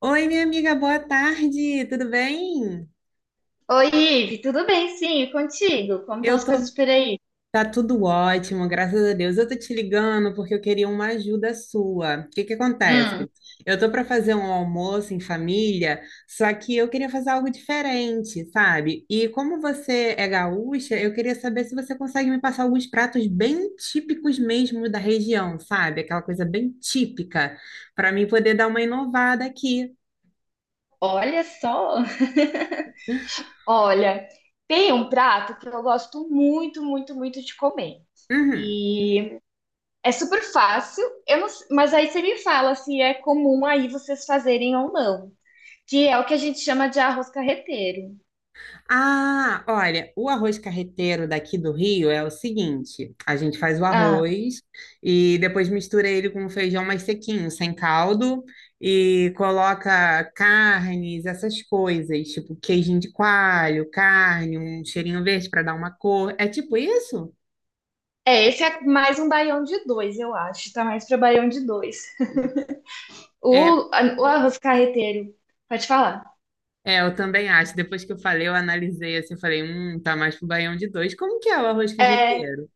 Oi, minha amiga, boa tarde, tudo bem? Oi, Ive, tudo bem? Sim, e contigo? Como estão Eu as tô, coisas por aí? tá tudo ótimo, graças a Deus. Eu tô te ligando porque eu queria uma ajuda sua. O que que Hum, acontece? Eu tô para fazer um almoço em família, só que eu queria fazer algo diferente, sabe? E como você é gaúcha, eu queria saber se você consegue me passar alguns pratos bem típicos mesmo da região, sabe? Aquela coisa bem típica, para mim poder dar uma inovada aqui. Olha só. Olha, tem um prato que eu gosto muito, muito, muito de comer. Uhum. E é super fácil, eu não s- mas aí você me fala se é comum aí vocês fazerem ou não, que é o que a gente chama de arroz carreteiro. Ah, olha, o arroz carreteiro daqui do Rio é o seguinte: a gente faz o Ah, arroz e depois mistura ele com um feijão mais sequinho, sem caldo, e coloca carnes, essas coisas, tipo queijinho de coalho, carne, um cheirinho verde para dar uma cor. É tipo isso? é, esse é mais um baião de dois, eu acho, tá mais para baião de dois. É, O arroz carreteiro, pode falar. é, eu também acho. Depois que eu falei, eu analisei assim, eu falei, tá mais pro baião de dois. Como que é o arroz É, carreteiro?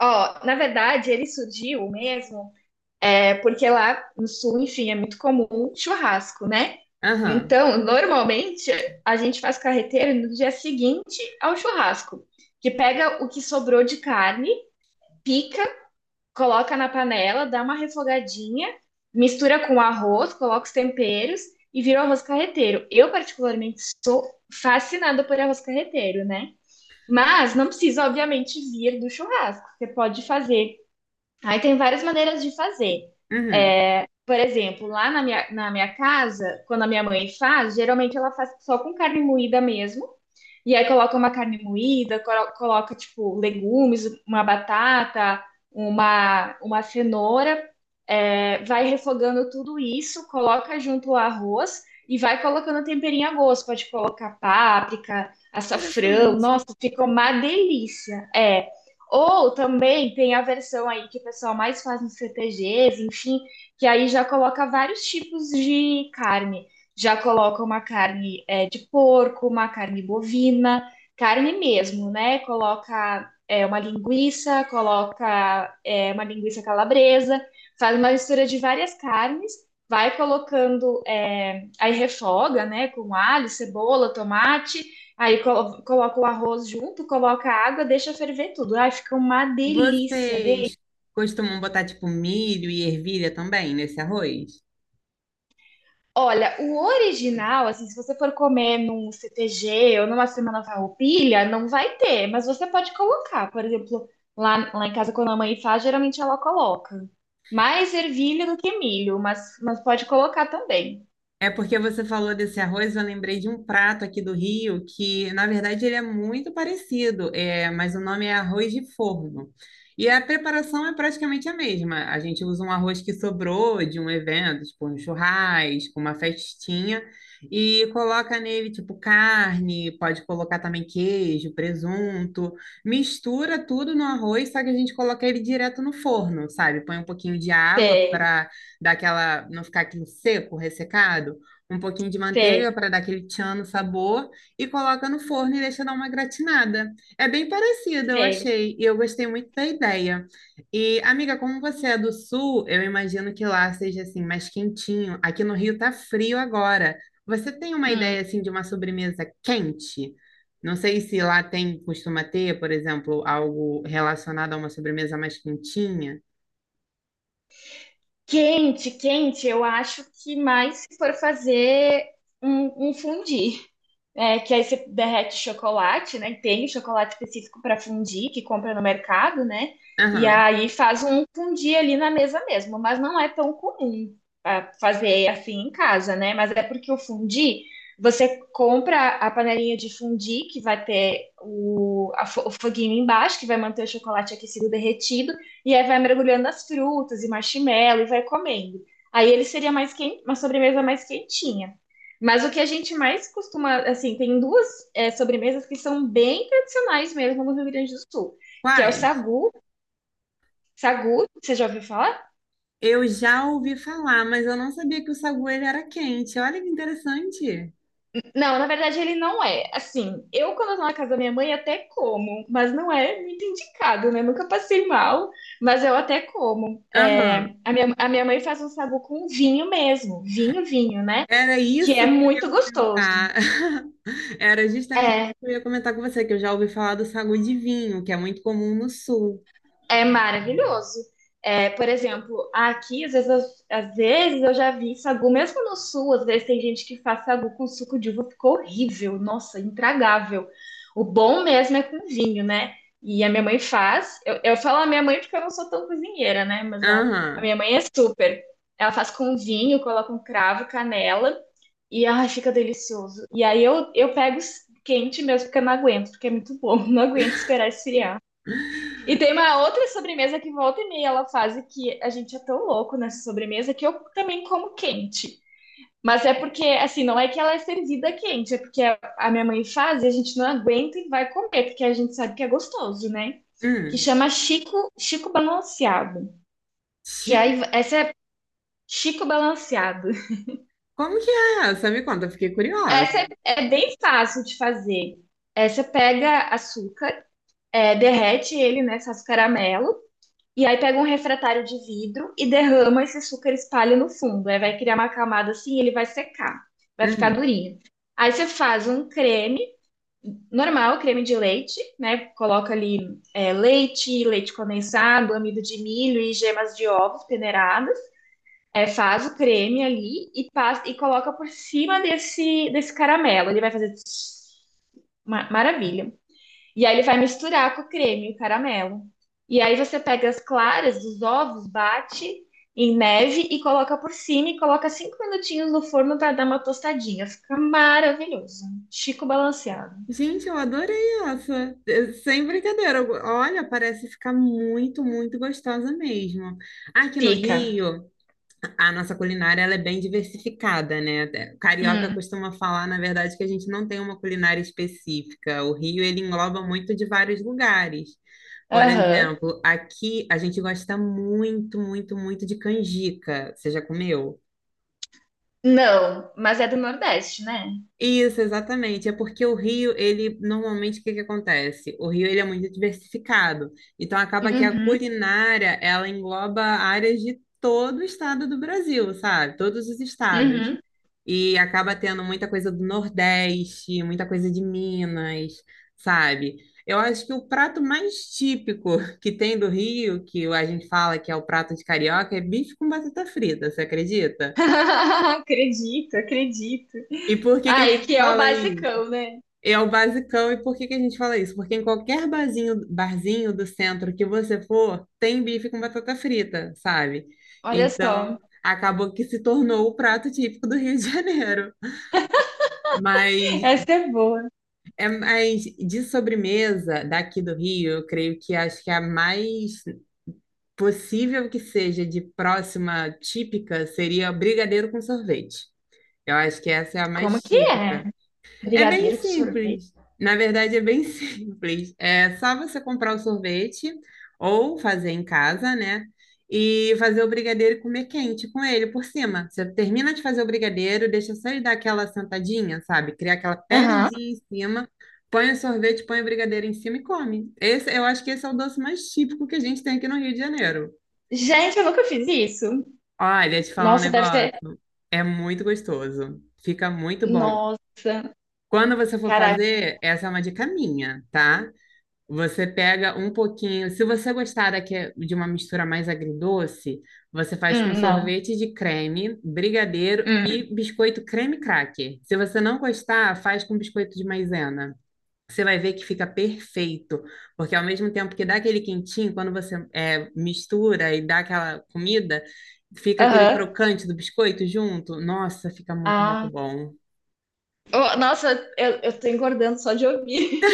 Ó, na verdade, ele surgiu mesmo, é porque lá no sul, enfim, é muito comum churrasco, né? Aham, Então, normalmente, a gente faz carreteiro no dia seguinte ao churrasco, que pega o que sobrou de carne, pica, coloca na panela, dá uma refogadinha, mistura com arroz, coloca os temperos e vira o arroz carreteiro. Eu, particularmente, sou fascinada por arroz carreteiro, né? Mas não precisa, obviamente, vir do churrasco. Você pode fazer. Aí tem várias maneiras de fazer. uhum, Por exemplo, lá na minha casa, quando a minha mãe faz, geralmente ela faz só com carne moída mesmo. E aí coloca uma carne moída, coloca, tipo, legumes, uma batata, uma cenoura, vai refogando tudo isso, coloca junto o arroz e vai colocando um temperinho a gosto. Pode colocar páprica, açafrão, nossa, interessante. ficou uma delícia. É. Ou também tem a versão aí que o pessoal mais faz nos CTGs, enfim, que aí já coloca vários tipos de carne. Já coloca uma carne, de porco, uma carne bovina, carne mesmo, né? Coloca, uma linguiça, coloca, uma linguiça calabresa, faz uma mistura de várias carnes, vai colocando, aí refoga, né? Com alho, cebola, tomate, aí coloca o arroz junto, coloca a água, deixa ferver tudo. Ai, fica uma delícia, delícia. Vocês costumam botar tipo milho e ervilha também nesse arroz? Olha, o original, assim, se você for comer num CTG ou numa semana farroupilha, não vai ter, mas você pode colocar. Por exemplo, lá em casa, quando a mãe faz, geralmente ela coloca. Mais ervilha do que milho, mas pode colocar também. É porque você falou desse arroz, eu lembrei de um prato aqui do Rio que, na verdade, ele é muito parecido, é, mas o nome é arroz de forno. E a preparação é praticamente a mesma. A gente usa um arroz que sobrou de um evento, tipo um churrasco, uma festinha, e coloca nele, tipo, carne, pode colocar também queijo, presunto, mistura tudo no arroz, só que a gente coloca ele direto no forno, sabe? Põe um pouquinho de água Sei, para dar aquela, não ficar aquele seco, ressecado, um pouquinho de sei, manteiga para dar aquele tchan no sabor e coloca no forno e deixa dar uma gratinada. É bem parecida, eu sei. achei, e eu gostei muito da ideia. E, amiga, como você é do sul, eu imagino que lá seja assim mais quentinho. Aqui no Rio tá frio agora. Você tem uma Hum. ideia assim de uma sobremesa quente? Não sei se lá tem, costuma ter, por exemplo, algo relacionado a uma sobremesa mais quentinha. Quente, quente, eu acho que mais se for fazer um fundi. É, que aí você derrete chocolate, né? Tem chocolate específico para fundir, que compra no mercado, né? E Aham. aí faz um fundir ali na mesa mesmo, mas não é tão comum ah, fazer assim em casa, né? Mas é porque o fundir, você compra a panelinha de fundir, que vai ter o foguinho embaixo, que vai manter o chocolate aquecido derretido, e aí vai mergulhando as frutas e marshmallow e vai comendo. Aí ele seria mais quente, uma sobremesa mais quentinha. Mas o que a gente mais costuma, assim, tem duas sobremesas que são bem tradicionais mesmo no Rio Grande do Sul, que é o Quais? sagu. Sagu, você já ouviu falar? Eu já ouvi falar, mas eu não sabia que o sagu ele era quente. Olha que interessante. Não, na verdade ele não é. Assim, eu quando eu tô na casa da minha mãe até como, mas não é muito indicado, né? Nunca passei mal, mas eu até como. É, Aham. a minha mãe faz um sagu com vinho mesmo, vinho, vinho, né? Era Que é isso que eu ia muito gostoso. comentar. Era justamente isso É, que eu ia comentar com você, que eu já ouvi falar do sagu de vinho, que é muito comum no sul. é maravilhoso. É, por exemplo, aqui, às vezes, às vezes eu já vi sagu, mesmo no sul, às vezes tem gente que faz sagu com suco de uva, ficou horrível, nossa, intragável. O bom mesmo é com vinho, né? E a minha mãe faz. Eu falo a minha mãe porque eu não sou tão cozinheira, né? Mas a Aham. minha mãe é super. Ela faz com vinho, coloca um cravo, canela, e ai, fica delicioso. E aí eu pego quente mesmo, porque eu não aguento, porque é muito bom, não aguento esperar esfriar. E tem uma outra sobremesa que volta e meia ela faz e que a gente é tão louco nessa sobremesa que eu também como quente. Mas é porque, assim, não é que ela é servida quente, é porque a minha mãe faz e a gente não aguenta e vai comer, porque a gente sabe que é gostoso, né? Que Hum. chama Chico, Chico Balanceado. Que Chico, aí, essa é Chico Balanceado. como que é essa? Me conta, eu fiquei curiosa. Essa é, é bem fácil de fazer. É, você pega açúcar, é, derrete ele, né? Faz caramelo. E aí pega um refratário de vidro e derrama esse açúcar, espalha no fundo. Aí vai criar uma camada assim, ele vai secar, vai ficar Uhum. durinho. Aí você faz um creme normal, creme de leite, né? Coloca ali, leite, leite condensado, amido de milho e gemas de ovos peneiradas. É, faz o creme ali e passa e coloca por cima desse caramelo. Ele vai fazer tss, maravilha. E aí ele vai misturar com o creme, o caramelo. E aí você pega as claras dos ovos, bate em neve e coloca por cima e coloca cinco minutinhos no forno para dar uma tostadinha. Fica maravilhoso. Chico balanceado. Gente, eu adorei essa. Eh, sem brincadeira. Olha, parece ficar muito, muito gostosa mesmo. Aqui no Fica. Rio, a nossa culinária ela é bem diversificada, né? O carioca Hum. costuma falar, na verdade, que a gente não tem uma culinária específica. O Rio, ele engloba muito de vários lugares. Por Aham. exemplo, aqui a gente gosta muito, muito, muito de canjica. Você já comeu? Não, mas é do Nordeste, né? Isso, exatamente. É porque o Rio, ele normalmente o que que acontece? O Rio ele é muito diversificado. Então acaba que a Uhum. culinária, ela engloba áreas de todo o estado do Brasil, sabe? Todos os estados. Uhum. E acaba tendo muita coisa do Nordeste, muita coisa de Minas, sabe? Eu acho que o prato mais típico que tem do Rio, que a gente fala que é o prato de carioca, é bife com batata frita, você acredita? Acredito, acredito. E por que que a Ai, gente que é o fala isso? basicão, né? É o basicão, e por que que a gente fala isso? Porque em qualquer barzinho, barzinho do centro que você for, tem bife com batata frita, sabe? Olha Então, só. acabou que se tornou o prato típico do Rio de Janeiro. Mas Essa é boa. é mais de sobremesa daqui do Rio, eu creio que acho que a mais possível que seja de próxima típica seria o brigadeiro com sorvete. Eu acho que essa é a Como mais que é? típica. É bem Brigadeiro com sorvete? simples. Na verdade, é bem simples. É só você comprar o sorvete ou fazer em casa, né? E fazer o brigadeiro e comer quente com ele por cima. Você termina de fazer o brigadeiro, deixa só ele dar aquela sentadinha, sabe? Criar aquela Aham. pelezinha em cima, põe o sorvete, põe o brigadeiro em cima e come. Esse, eu acho que esse é o doce mais típico que a gente tem aqui no Rio de Janeiro. Gente, eu nunca fiz isso. Olha, te falar um Nossa, deve ser. negócio. É muito gostoso. Fica muito bom. Nossa, Quando você for caraca. fazer, essa é uma dica minha, tá? Você pega um pouquinho. Se você gostar de uma mistura mais agridoce, você faz com Não. sorvete de creme, brigadeiro Hum, e biscoito creme cracker. Se você não gostar, faz com biscoito de maisena. Você vai ver que fica perfeito, porque ao mesmo tempo que dá aquele quentinho, quando você mistura e dá aquela comida, fica aquele aham. crocante do biscoito junto. Nossa, fica muito, muito Ah. bom. Oh, nossa, eu tô engordando só de ouvir.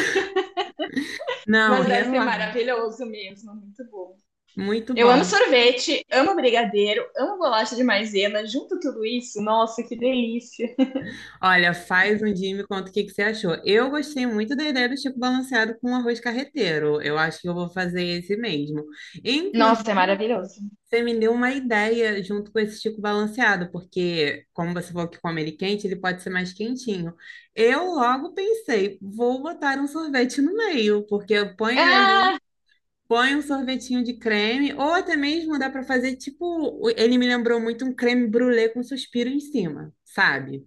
Não, Mas deve ser relaxa. maravilhoso mesmo. Muito bom. Muito Eu amo bom. sorvete, amo brigadeiro, amo bolacha de maisena, junto tudo isso. Nossa, que delícia. Olha, faz um dia e me conta o que que você achou. Eu gostei muito da ideia do Chico Balanceado com arroz carreteiro. Eu acho que eu vou fazer esse mesmo. Nossa, é Inclusive, maravilhoso. você me deu uma ideia junto com esse Chico Balanceado, porque, como você falou que come ele quente, ele pode ser mais quentinho. Eu logo pensei, vou botar um sorvete no meio, porque eu ponho ele Ah, ali. Põe um sorvetinho de creme, ou até mesmo dá para fazer tipo. Ele me lembrou muito um creme brulee com suspiro em cima, sabe?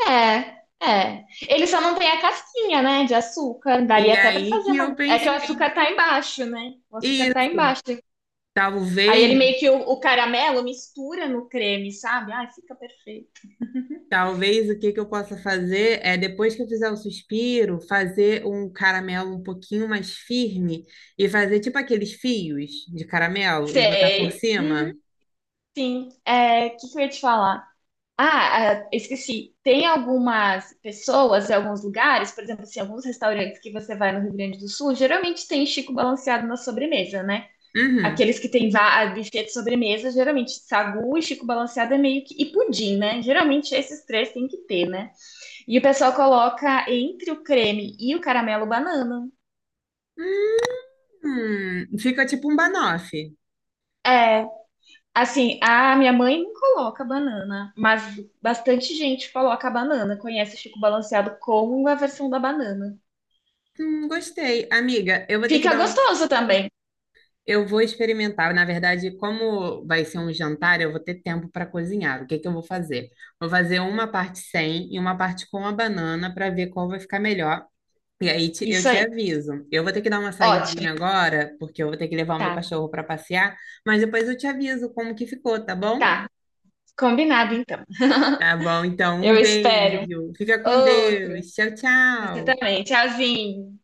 é. É. Ele só não tem a casquinha, né, de açúcar. Daria E até pra aí fazer que uma. eu É que o pensei, açúcar tá embaixo, né? O açúcar tá isso, embaixo. Aí ele meio talvez, que o caramelo mistura no creme, sabe? Ai, fica perfeito. talvez o que que eu possa fazer é, depois que eu fizer o suspiro, fazer um caramelo um pouquinho mais firme e fazer tipo aqueles fios de caramelo e botar por Sei. Uhum, cima. sim. É, o que que eu ia te falar? Ah, ah, esqueci. Tem algumas pessoas, em alguns lugares, por exemplo, assim, alguns restaurantes que você vai no Rio Grande do Sul, geralmente tem Chico balanceado na sobremesa, né? Uhum. Aqueles que tem buffet de sobremesa, geralmente sagu e Chico balanceado é meio que... E pudim, né? Geralmente esses três tem que ter, né? E o pessoal coloca entre o creme e o caramelo banana. Fica tipo um banoffee. É, Assim, a minha mãe não coloca banana, mas bastante gente coloca a banana, conhece Chico Balanceado como a versão da banana. Gostei. Amiga, eu vou ter que Fica dar um, gostoso também. eu vou experimentar. Na verdade, como vai ser um jantar, eu vou ter tempo para cozinhar. O que que eu vou fazer? Vou fazer uma parte sem e uma parte com a banana para ver qual vai ficar melhor. E aí eu Isso te aí. aviso. Eu vou ter que dar uma Ótimo. saidinha agora, porque eu vou ter que levar o meu Tá, cachorro para passear, mas depois eu te aviso como que ficou, tá bom? tá. Combinado então. Tá bom, então um Eu espero. beijo. Fica com Outro. Deus. Tchau, Você tchau. também. Tchauzinho.